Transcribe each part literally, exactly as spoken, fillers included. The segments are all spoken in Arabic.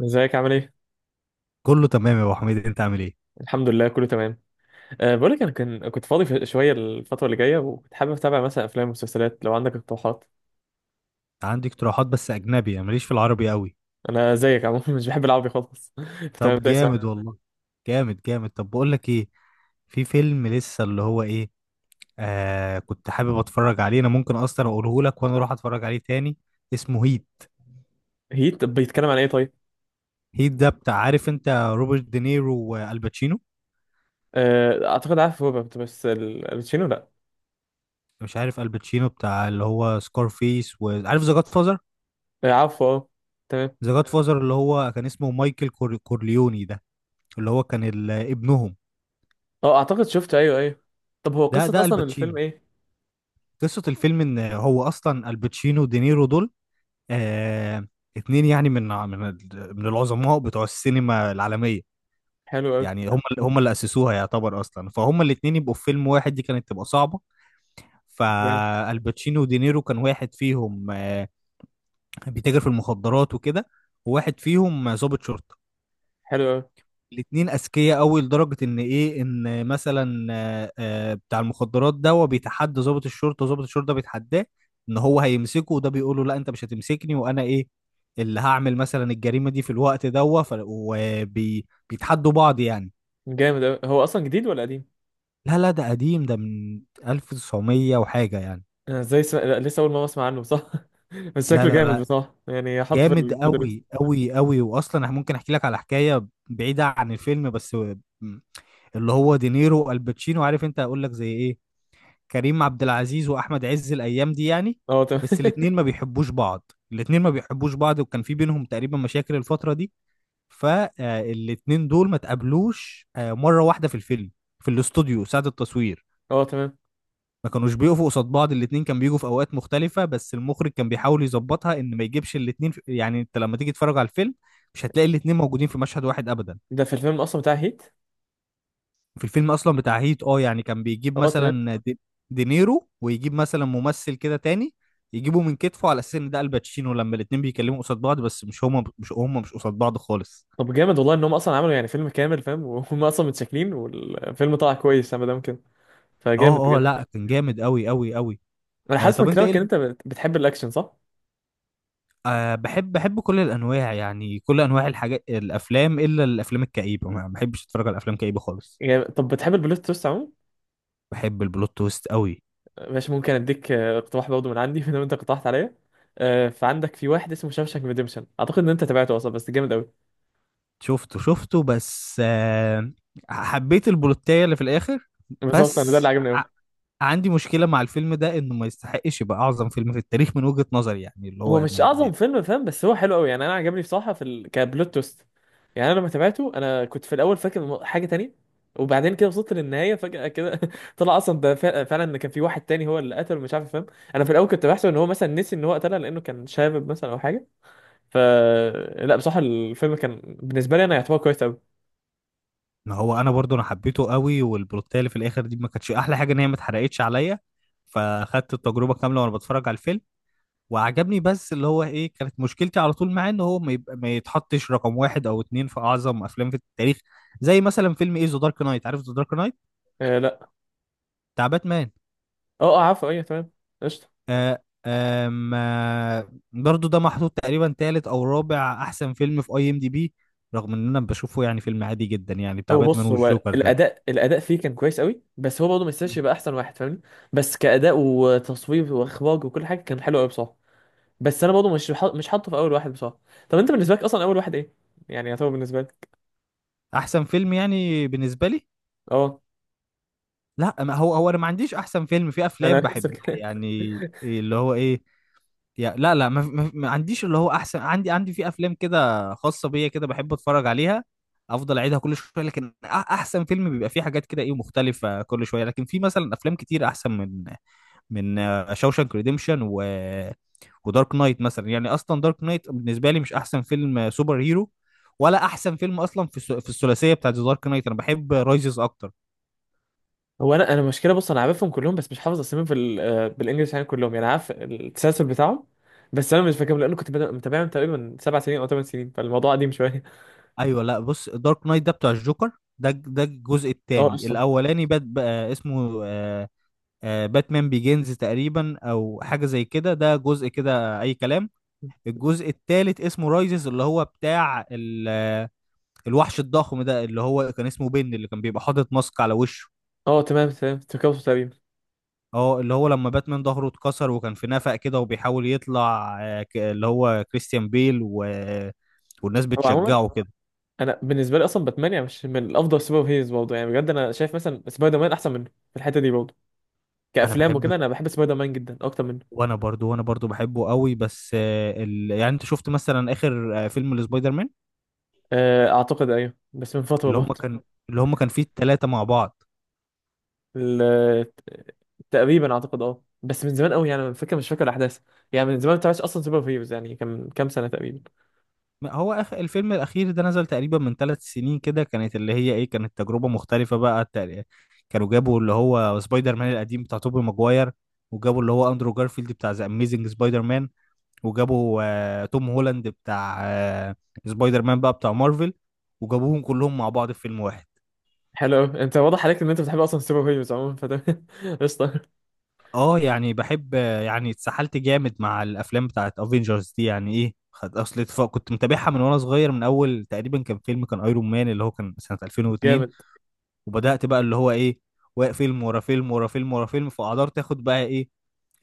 ازيك عامل ايه؟ كله تمام يا ابو حميد، انت عامل ايه؟ الحمد لله كله تمام. أه بقولك انا كان كنت فاضي في- شويه الفتره اللي جايه، وكنت حابب اتابع مثلا افلام ومسلسلات لو عندك اقتراحات. عندي اقتراحات بس اجنبي، انا ماليش في العربي قوي. انا زيك عموما مش بحب العربي خالص. تمام، طب ده اسمع. جامد والله. جامد جامد طب بقول لك ايه، في فيلم لسه اللي هو ايه، آه كنت حابب اتفرج عليه، انا ممكن اصلا اقوله لك وانا اروح اتفرج عليه تاني. اسمه هيت. هيت بيتكلم عن ايه طيب؟ هيت ده بتاع، عارف انت، روبرت دينيرو والباتشينو. أه اعتقد عارف روبرت، بس ال- الباتشينو لا. مش عارف الباتشينو بتاع اللي هو سكارفيس، وعارف ذا جاد فازر. أه، عارفه اه. تمام. ذا جاد فازر اللي هو كان اسمه مايكل كور... كورليوني ده، اللي هو كان ال... ابنهم. اه اعتقد شفته، ايوه ايوه. طب هو ده قصه ده اصلا الفيلم الباتشينو. ايه؟ قصة الفيلم إن هو أصلا الباتشينو ودينيرو دول، آه اتنين يعني من من من العظماء بتوع السينما العالمية. حلو قوي. يعني هم اللي- هم اللي أسسوها يعتبر أصلا، فهم الاتنين يبقوا في فيلم واحد دي كانت تبقى صعبة. جامد. فالباتشينو ودينيرو، كان واحد فيهم آه بيتاجر في المخدرات وكده، وواحد فيهم ضابط شرطة. حلو قوي. الاتنين اذكياء قوي لدرجه ان ايه، ان مثلا آه، آه، بتاع المخدرات ده هو بيتحدى ضابط الشرطه، وضابط الشرطه ده بيتحداه ان هو هيمسكه، وده بيقول له لا انت مش هتمسكني وانا ايه اللي هعمل مثلا الجريمه دي في الوقت ده، وبيتحدوا بعض يعني. جامد قوي. هو اصلا جديد ولا قديم؟ لا لا، ده قديم، ده من الف وتسعمية وحاجه يعني. انا ازاي سم... لا، لسه اول ما اسمع عنه صح؟ بس لا شكله لا جامد لا، بصراحه، يعني حطه في جامد ال- في الدرس. قوي قوي قوي، واصلا انا ممكن احكي لك على حكايه بعيده عن الفيلم، بس اللي هو دينيرو والباتشينو، عارف انت، هقول لك زي ايه، كريم عبد العزيز واحمد عز الايام دي يعني. اه تمام. بس الاتنين ما بيحبوش بعض، الاتنين ما بيحبوش بعض وكان في بينهم تقريبا مشاكل الفترة دي. فالاتنين دول ما تقابلوش آه، مرة واحدة في الفيلم، في الاستوديو ساعة التصوير. اه تمام. ما كانوش بيقفوا قصاد بعض، الاتنين كان بيجوا في اوقات مختلفة، بس المخرج كان بيحاول يظبطها ان ما يجيبش الاتنين في... يعني انت لما تيجي تتفرج على الفيلم مش هتلاقي الاتنين موجودين في مشهد واحد ابدا. ده في الفيلم اصلا بتاع هيت. في الفيلم اصلا بتاع هيت، اه، يعني كان بيجيب اه تمام. مثلا دي- دينيرو، ويجيب مثلا ممثل كده تاني، يجيبه من كتفه على اساس ان ده الباتشينو، لما الاتنين بيكلموا قصاد بعض، بس مش هما مش هما مش قصاد بعض خالص. طب جامد والله ان هم اصلا عملوا يعني فيلم كامل فاهم، وهم اصلا متشكلين والفيلم طلع كويس ما دام كده، فجامد اه اه، بجد. لا كان جامد قوي قوي قوي. انا آه حاسس طب من انت ايه كلامك ان ال- انت بت- بتحب الاكشن صح؟ آه بحب، بحب كل الانواع يعني، كل انواع الحاجات، الافلام، الا الافلام الكئيبه، ما بحبش اتفرج على افلام كئيبه خالص. يعني طب بتحب البلوت تويست عموما؟ بحب البلوت تويست قوي. ماشي، ممكن اديك آه، اقتراح برضه من عندي ما دام انت اقترحت عليا. آه، فعندك في واحد اسمه شاوشانك ريديمشن، اعتقد ان انت تابعته اصلا، بس جامد قوي. شفته شفته بس آه حبيت البلوتايه اللي في الاخر، بالظبط، انا ده بس اللي عجبني قوي. عندي مشكلة مع الفيلم ده، انه ما يستحقش يبقى اعظم فيلم في التاريخ من وجهة نظري، يعني اللي هو هو مش ما ما- اعظم فيلم فاهم، بس هو حلو قوي يعني، انا عجبني بصراحه في ال... كبلوت تويست. يعني انا لما تابعته، انا كنت في الاول فاكر م- حاجه تانية، وبعدين كده وصلت للنهايه فجاه كده طلع اصلا ده فع- فعلا ان كان في واحد تاني هو اللي قتله، مش عارف فاهم. انا في الاول كنت بحسب ان هو مثلا نسي ان هو قتلها لانه كان شاب مثلا او حاجه. ف لا بصراحه الفيلم كان بالنسبه لي انا يعتبر كويس قوي. ما هو انا برضو انا حبيته قوي، والبلوتيه اللي في الاخر دي ما كانتش احلى حاجة ان هي ما اتحرقتش عليا، فاخدت التجربة كاملة وانا بتفرج على الفيلم وعجبني، بس اللي هو ايه، كانت مشكلتي على طول معاه ان هو ما يبقى ما يتحطش رقم واحد او اتنين في اعظم افلام في التاريخ، زي مثلا فيلم ايه ذا دارك نايت، عارف ذا دارك نايت آه لا. بتاع باتمان؟ اه اه، عارفه ايوه. تمام. قشطه. آه آم، آه برضو ده محطوط تقريبا تالت او رابع احسن فيلم في اي ام دي بي، رغم ان انا بشوفه يعني فيلم عادي جدا يعني، بتاع هو باتمان بص، هو والجوكر ده. الاداء الاداء فيه كان كويس قوي، بس هو برضه ما يستاهلش مم. يبقى احسن واحد فاهمني. بس كاداء وتصوير واخراج وكل حاجه كان حلو قوي بصراحه. بس انا برضه مش حاط- مش حاطه في اول واحد بصراحه. طب انت بالنسبه لك اصلا اول واحد ايه، يعني يعتبر بالنسبه لك. احسن فيلم يعني بالنسبه لي، اه. لا ما هو هو، انا ما عنديش احسن فيلم، في انا افلام نفس بحبها الكلام. يعني، اللي هو ايه، يا لا لا، ما, ما, ما عنديش اللي هو احسن، عندي، عندي في افلام كده خاصه بيا كده بحب اتفرج عليها، افضل اعيدها كل شويه، لكن أ- احسن فيلم بيبقى فيه حاجات كده ايه مختلفه كل شويه، لكن في مثلا افلام كتير احسن من من شوشانك ريديمشن و... ودارك نايت مثلا. يعني اصلا دارك نايت بالنسبه لي مش احسن فيلم سوبر هيرو، ولا احسن فيلم اصلا في الث- في الثلاثيه بتاعت دارك نايت، انا بحب رايزز اكتر. هو انا انا المشكله بص، انا عارفهم كلهم بس مش حافظ اساميهم في ال- آه، بالانجلش يعني، كلهم يعني عارف التسلسل بتاعهم. بس انا مش فاكرهم لانه كنت بدا- متابعهم تقريبا سبع سنين او ثمان سنين، فالموضوع قديم شويه. ايوه، لا بص، دارك نايت ده بتاع الجوكر، ده ده الجزء اه الثاني. قشطه. الاولاني بات بقى اسمه آه، آه، باتمان بيجينز تقريبا، او حاجه زي كده، ده جزء كده اي كلام. الجزء الثالث اسمه رايزز، اللي هو بتاع ال- آه، الوحش الضخم ده، اللي هو كان اسمه بن، اللي كان بيبقى حاطط ماسك على وشه. اه تمام تمام، تركبوا تقريبا. اه، اللي هو لما باتمان ظهره اتكسر وكان في نفق كده وبيحاول يطلع، آه، ك- اللي هو كريستيان بيل و... والناس هو عموما، بتشجعه كده. انا بالنسبه لي اصلا باتمان يعني مش من الافضل سوبر هيروز برضه يعني، بجد انا شايف مثلا سبايدر مان احسن منه في الحته دي برضه. انا كافلام بحب، وكده انا بحب سبايدر مان جدا اكتر منه. وانا برضو وانا برضو بحبه قوي، بس آه، ال... يعني انت شفت مثلا اخر آه، فيلم لسبايدر مان، آه، اعتقد ايوه بس من فتره اللي هم برضه. كان اللي هم كان فيه التلاتة مع بعض؟ ال- تقريبا اعتقد اه بس من زمان قوي يعني، أنا فاكر مش فاكر الاحداث. يعني من زمان ما بتابعش اصلا سوبر هيروز، يعني كان كام سنه تقريبا. ما هو أخ... الفيلم الاخير ده نزل تقريبا من ثلاث سنين كده، كانت اللي هي ايه، كانت تجربة مختلفة بقى. التق- كانوا جابوا اللي هو سبايدر مان القديم بتاع توبي ماجواير، وجابوا اللي هو اندرو جارفيلد بتاع ذا اميزنج سبايدر مان، وجابوا آه، توم هولاند بتاع آه، سبايدر مان بقى بتاع مارفل، وجابوهم كلهم مع بعض في فيلم واحد. حلو قوي، انت واضح عليك ان انت بتحب اصلا سوبر هيروز عموما فده قشطه. اه يعني بحب، آه، يعني اتسحلت جامد مع الافلام بتاعت افنجرز دي، يعني ايه، خد اصل اتفاق، كنت متابعها من وانا صغير من اول تقريبا كان فيلم، كان ايرون مان اللي هو كان سنة ألفين واثنين، جامد. وبدأت بقى اللي هو ايه، واقف فيلم ورا فيلم ورا فيلم ورا فيلم، فقدرت اخد بقى ايه،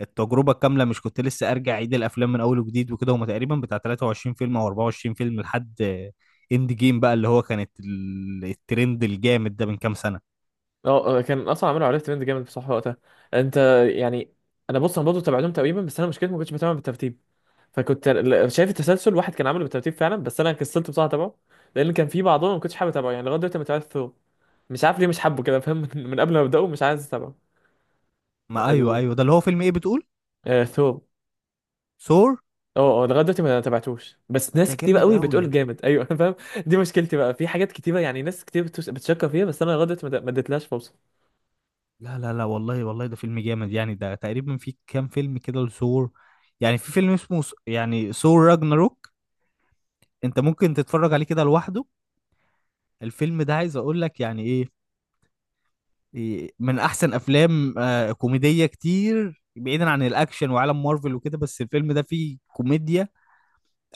التجربه الكامله، مش كنت لسه ارجع اعيد الافلام من اول وجديد وكده. هما تقريبا بتاع تلاتة وعشرين فيلم او اربعة وعشرين فيلم لحد اند جيم بقى، اللي هو كانت ال- الترند الجامد ده من كام سنه. اه آه، كان اصلا عملوا عليه ترند جامد بصراحه وقتها. انت، يعني انا بص، انا برضه تابعتهم تقريبا، بس انا مشكلتي ما كنتش بتابع بالترتيب. فكنت ل- شايف التسلسل واحد كان عامله بالترتيب فعلا، بس انا كسلت بصراحه اتابعه، لان كان في بعضهم ما كنتش حابب اتابعه. يعني لغايه دلوقتي ما تابعت ثور، مش عارف ليه مش حابه كده فاهم من من قبل ما ابداه مش عايز اتابعه. ما ايوه ال... ايوه، ده اللي هو فيلم ايه بتقول، آه ثور. ثور؟ اه اه لغايه دلوقتي ما تابعتوش، بس ده ناس كتير جامد قوي قوي. بتقول جامد ايوه انا فاهم. دي مشكلتي بقى في حاجات كتيره، يعني ناس كتير بتوش- بتشكر فيها، بس انا لغايه دلوقتي ما د- ما اديتلهاش فرصه. لا لا لا والله، والله ده فيلم جامد يعني، ده تقريبا في كام فيلم كده لثور، يعني في فيلم اسمه ث- يعني ثور راجناروك، انت ممكن تتفرج عليه كده لوحده. الفيلم ده عايز اقول لك يعني ايه، من احسن افلام آه، كوميديه، كتير بعيدا عن الاكشن وعالم مارفل وكده، بس الفيلم ده فيه كوميديا،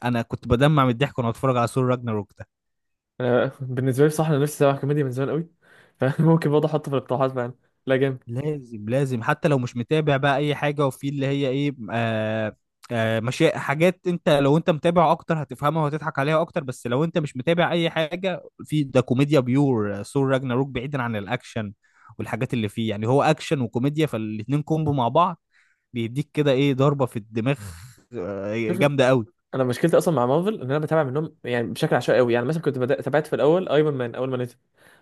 انا كنت بدمع من الضحك وانا بتفرج على ثور راجناروك ده. انا بالنسبه لي بصراحه انا نفسي اتابع كوميديا من زمان قوي، فممكن برضه احطه في الاقتراحات فعلا. لا جامد. لازم لازم، حتى لو مش متابع بقى اي حاجه. وفي اللي هي ايه، آه آه مشي، حاجات انت لو انت متابع اكتر هتفهمها وهتضحك عليها اكتر، بس لو انت مش متابع اي حاجه في ده، كوميديا بيور، آه، ثور راجناروك، بعيدا عن الاكشن والحاجات اللي فيه، يعني هو اكشن وكوميديا، فالاتنين كومبو مع بعض، بيديك كده ايه، ضربة في الدماغ، آه، شوف، جامدة قوي. انا مشكلتي اصلا مع مارفل ان انا بتابع منهم يعني بشكل عشوائي قوي، يعني مثلا كنت بدأ تابعت في الاول ايرون مان اول ما نزل،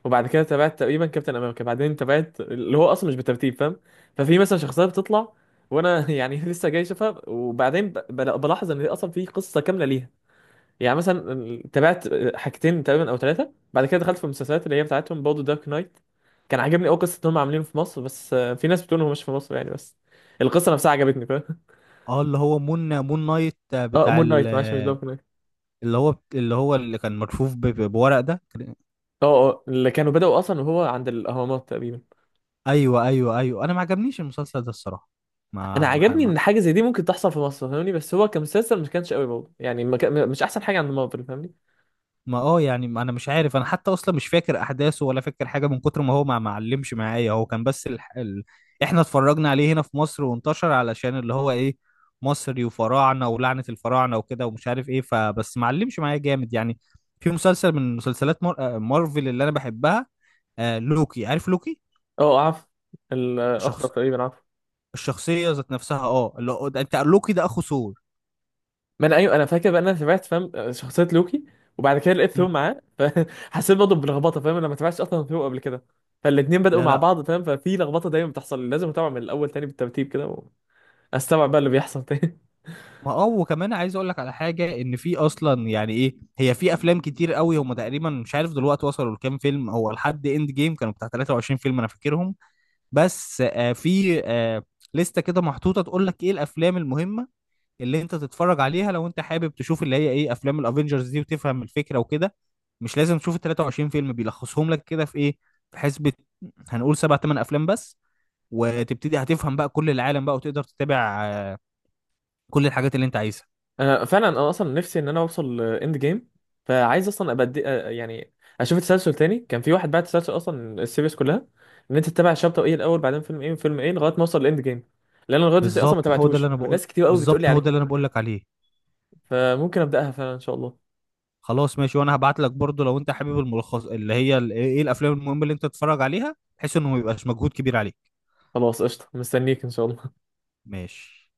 وبعد كده تابعت تقريبا كابتن امريكا، بعدين تابعت اللي هو اصلا مش بالترتيب فاهم. ففي مثلا شخصيه بتطلع وانا يعني لسه جاي اشوفها، وبعدين ب- بل- بلاحظ ان اصلا في قصه كامله ليها. يعني مثلا تابعت حاجتين تقريبا او ثلاثه، بعد كده دخلت في المسلسلات اللي هي بتاعتهم برضه. دارك نايت كان عاجبني قوي، قصه ان هم عاملينه في مصر، بس آه، في ناس بتقول إن هو مش في مصر يعني، بس القصه نفسها عجبتني فاهم. اه، اللي هو مون مون نايت اه بتاع مون ال- نايت، معلش مش دارك نايت. اللي هو اللي هو اللي كان ملفوف ب- ب- بورق ده. اه اه اللي كانوا بدأوا اصلا وهو عند الاهرامات تقريبا. ايوه ايوه ايوه، انا ما عجبنيش المسلسل ده الصراحة، انا ما عجبني ما ان حاجه زي دي ممكن تحصل في مصر فاهمني، بس هو كمسلسل ما كانش قوي برضه، يعني ما كان مش احسن حاجه عند مارفل فاهمني. ما اه يعني، ما انا مش عارف، انا حتى اصلا مش فاكر احداثه ولا فاكر حاجه، من كتر ما هو ما معلمش معايا. هو كان بس ال... ال... احنا اتفرجنا عليه هنا في مصر وانتشر علشان اللي هو ايه، مصري وفراعنه ولعنه الفراعنه وكده ومش عارف ايه، فبس معلمش معايا جامد يعني. في مسلسل من مسلسلات مار... آه، مارفل اللي انا بحبها، آه، لوكي، عارف لوكي؟ اه عارف. الاخضر شخص، تقريبا عارف. الشخصيه ذات نفسها، اه اللي هو- ده- انت، لوكي ده اخو ثور. ما انا ايوه، انا فاكر بقى إن انا تابعت فاهم شخصيه لوكي، وبعد كده لقيت ثور مم. معاه فحسيت برضه بلخبطه فاهم، انا ما تابعتش اصلا ثور قبل كده. فالاتنين بدأوا لا مع لا. بعض فاهم، ففي لخبطه دايما بتحصل، لازم اتابع من الاول تاني بالترتيب كده، واستوعب بقى اللي بيحصل تاني. ما اه، وكمان عايز اقول لك على حاجه، ان في اصلا يعني ايه هي، في افلام كتير قوي، هم تقريبا مش عارف دلوقتي وصلوا لكام فيلم، هو لحد اند جيم كانوا بتاع ثلاثة وعشرين فيلم انا فاكرهم، بس آه في آه لسته كده محطوطه تقول لك ايه الافلام المهمه اللي انت تتفرج عليها، لو انت حابب تشوف اللي هي ايه افلام الافينجرز دي وتفهم الفكره وكده، مش لازم تشوف ال تلاتة وعشرين فيلم، بيلخصهم لك كده في ايه، في حسبه هنقول سبع ثمان افلام بس، وتبتدي هتفهم بقى كل العالم بقى، وتقدر تتابع آه، كل الحاجات اللي انت عايزها. انا فعلا انا اصلا نفسي ان انا اوصل اند جيم، فعايز اصلا ابقى أدي- آه، يعني اشوف التسلسل تاني. كان في واحد بعت تسلسل اصلا السيريز كلها، ان انت تتابع الشابتر ايه الاول، بعدين فيلم ايه وفيلم ايه لغايه ما اوصل لاند جيم، لان انا لغايه دلوقتي اصلا ما بالظبط هو ده اللي تابعتوش انا بقول، والناس كتير قوي بتقول لي بالظبط هو ده عليه اللي انا بقول لك عليه. فممكن ابداها فعلا ان شاء الله. خلاص ماشي، وانا هبعت لك برضو لو انت حابب الملخص، اللي هي ال- ايه إيه الافلام المهمه اللي انت تتفرج عليها، بحيث انه ما يبقاش مجهود كبير عليك. خلاص قشطه، مستنيك ان شاء الله. ماشي.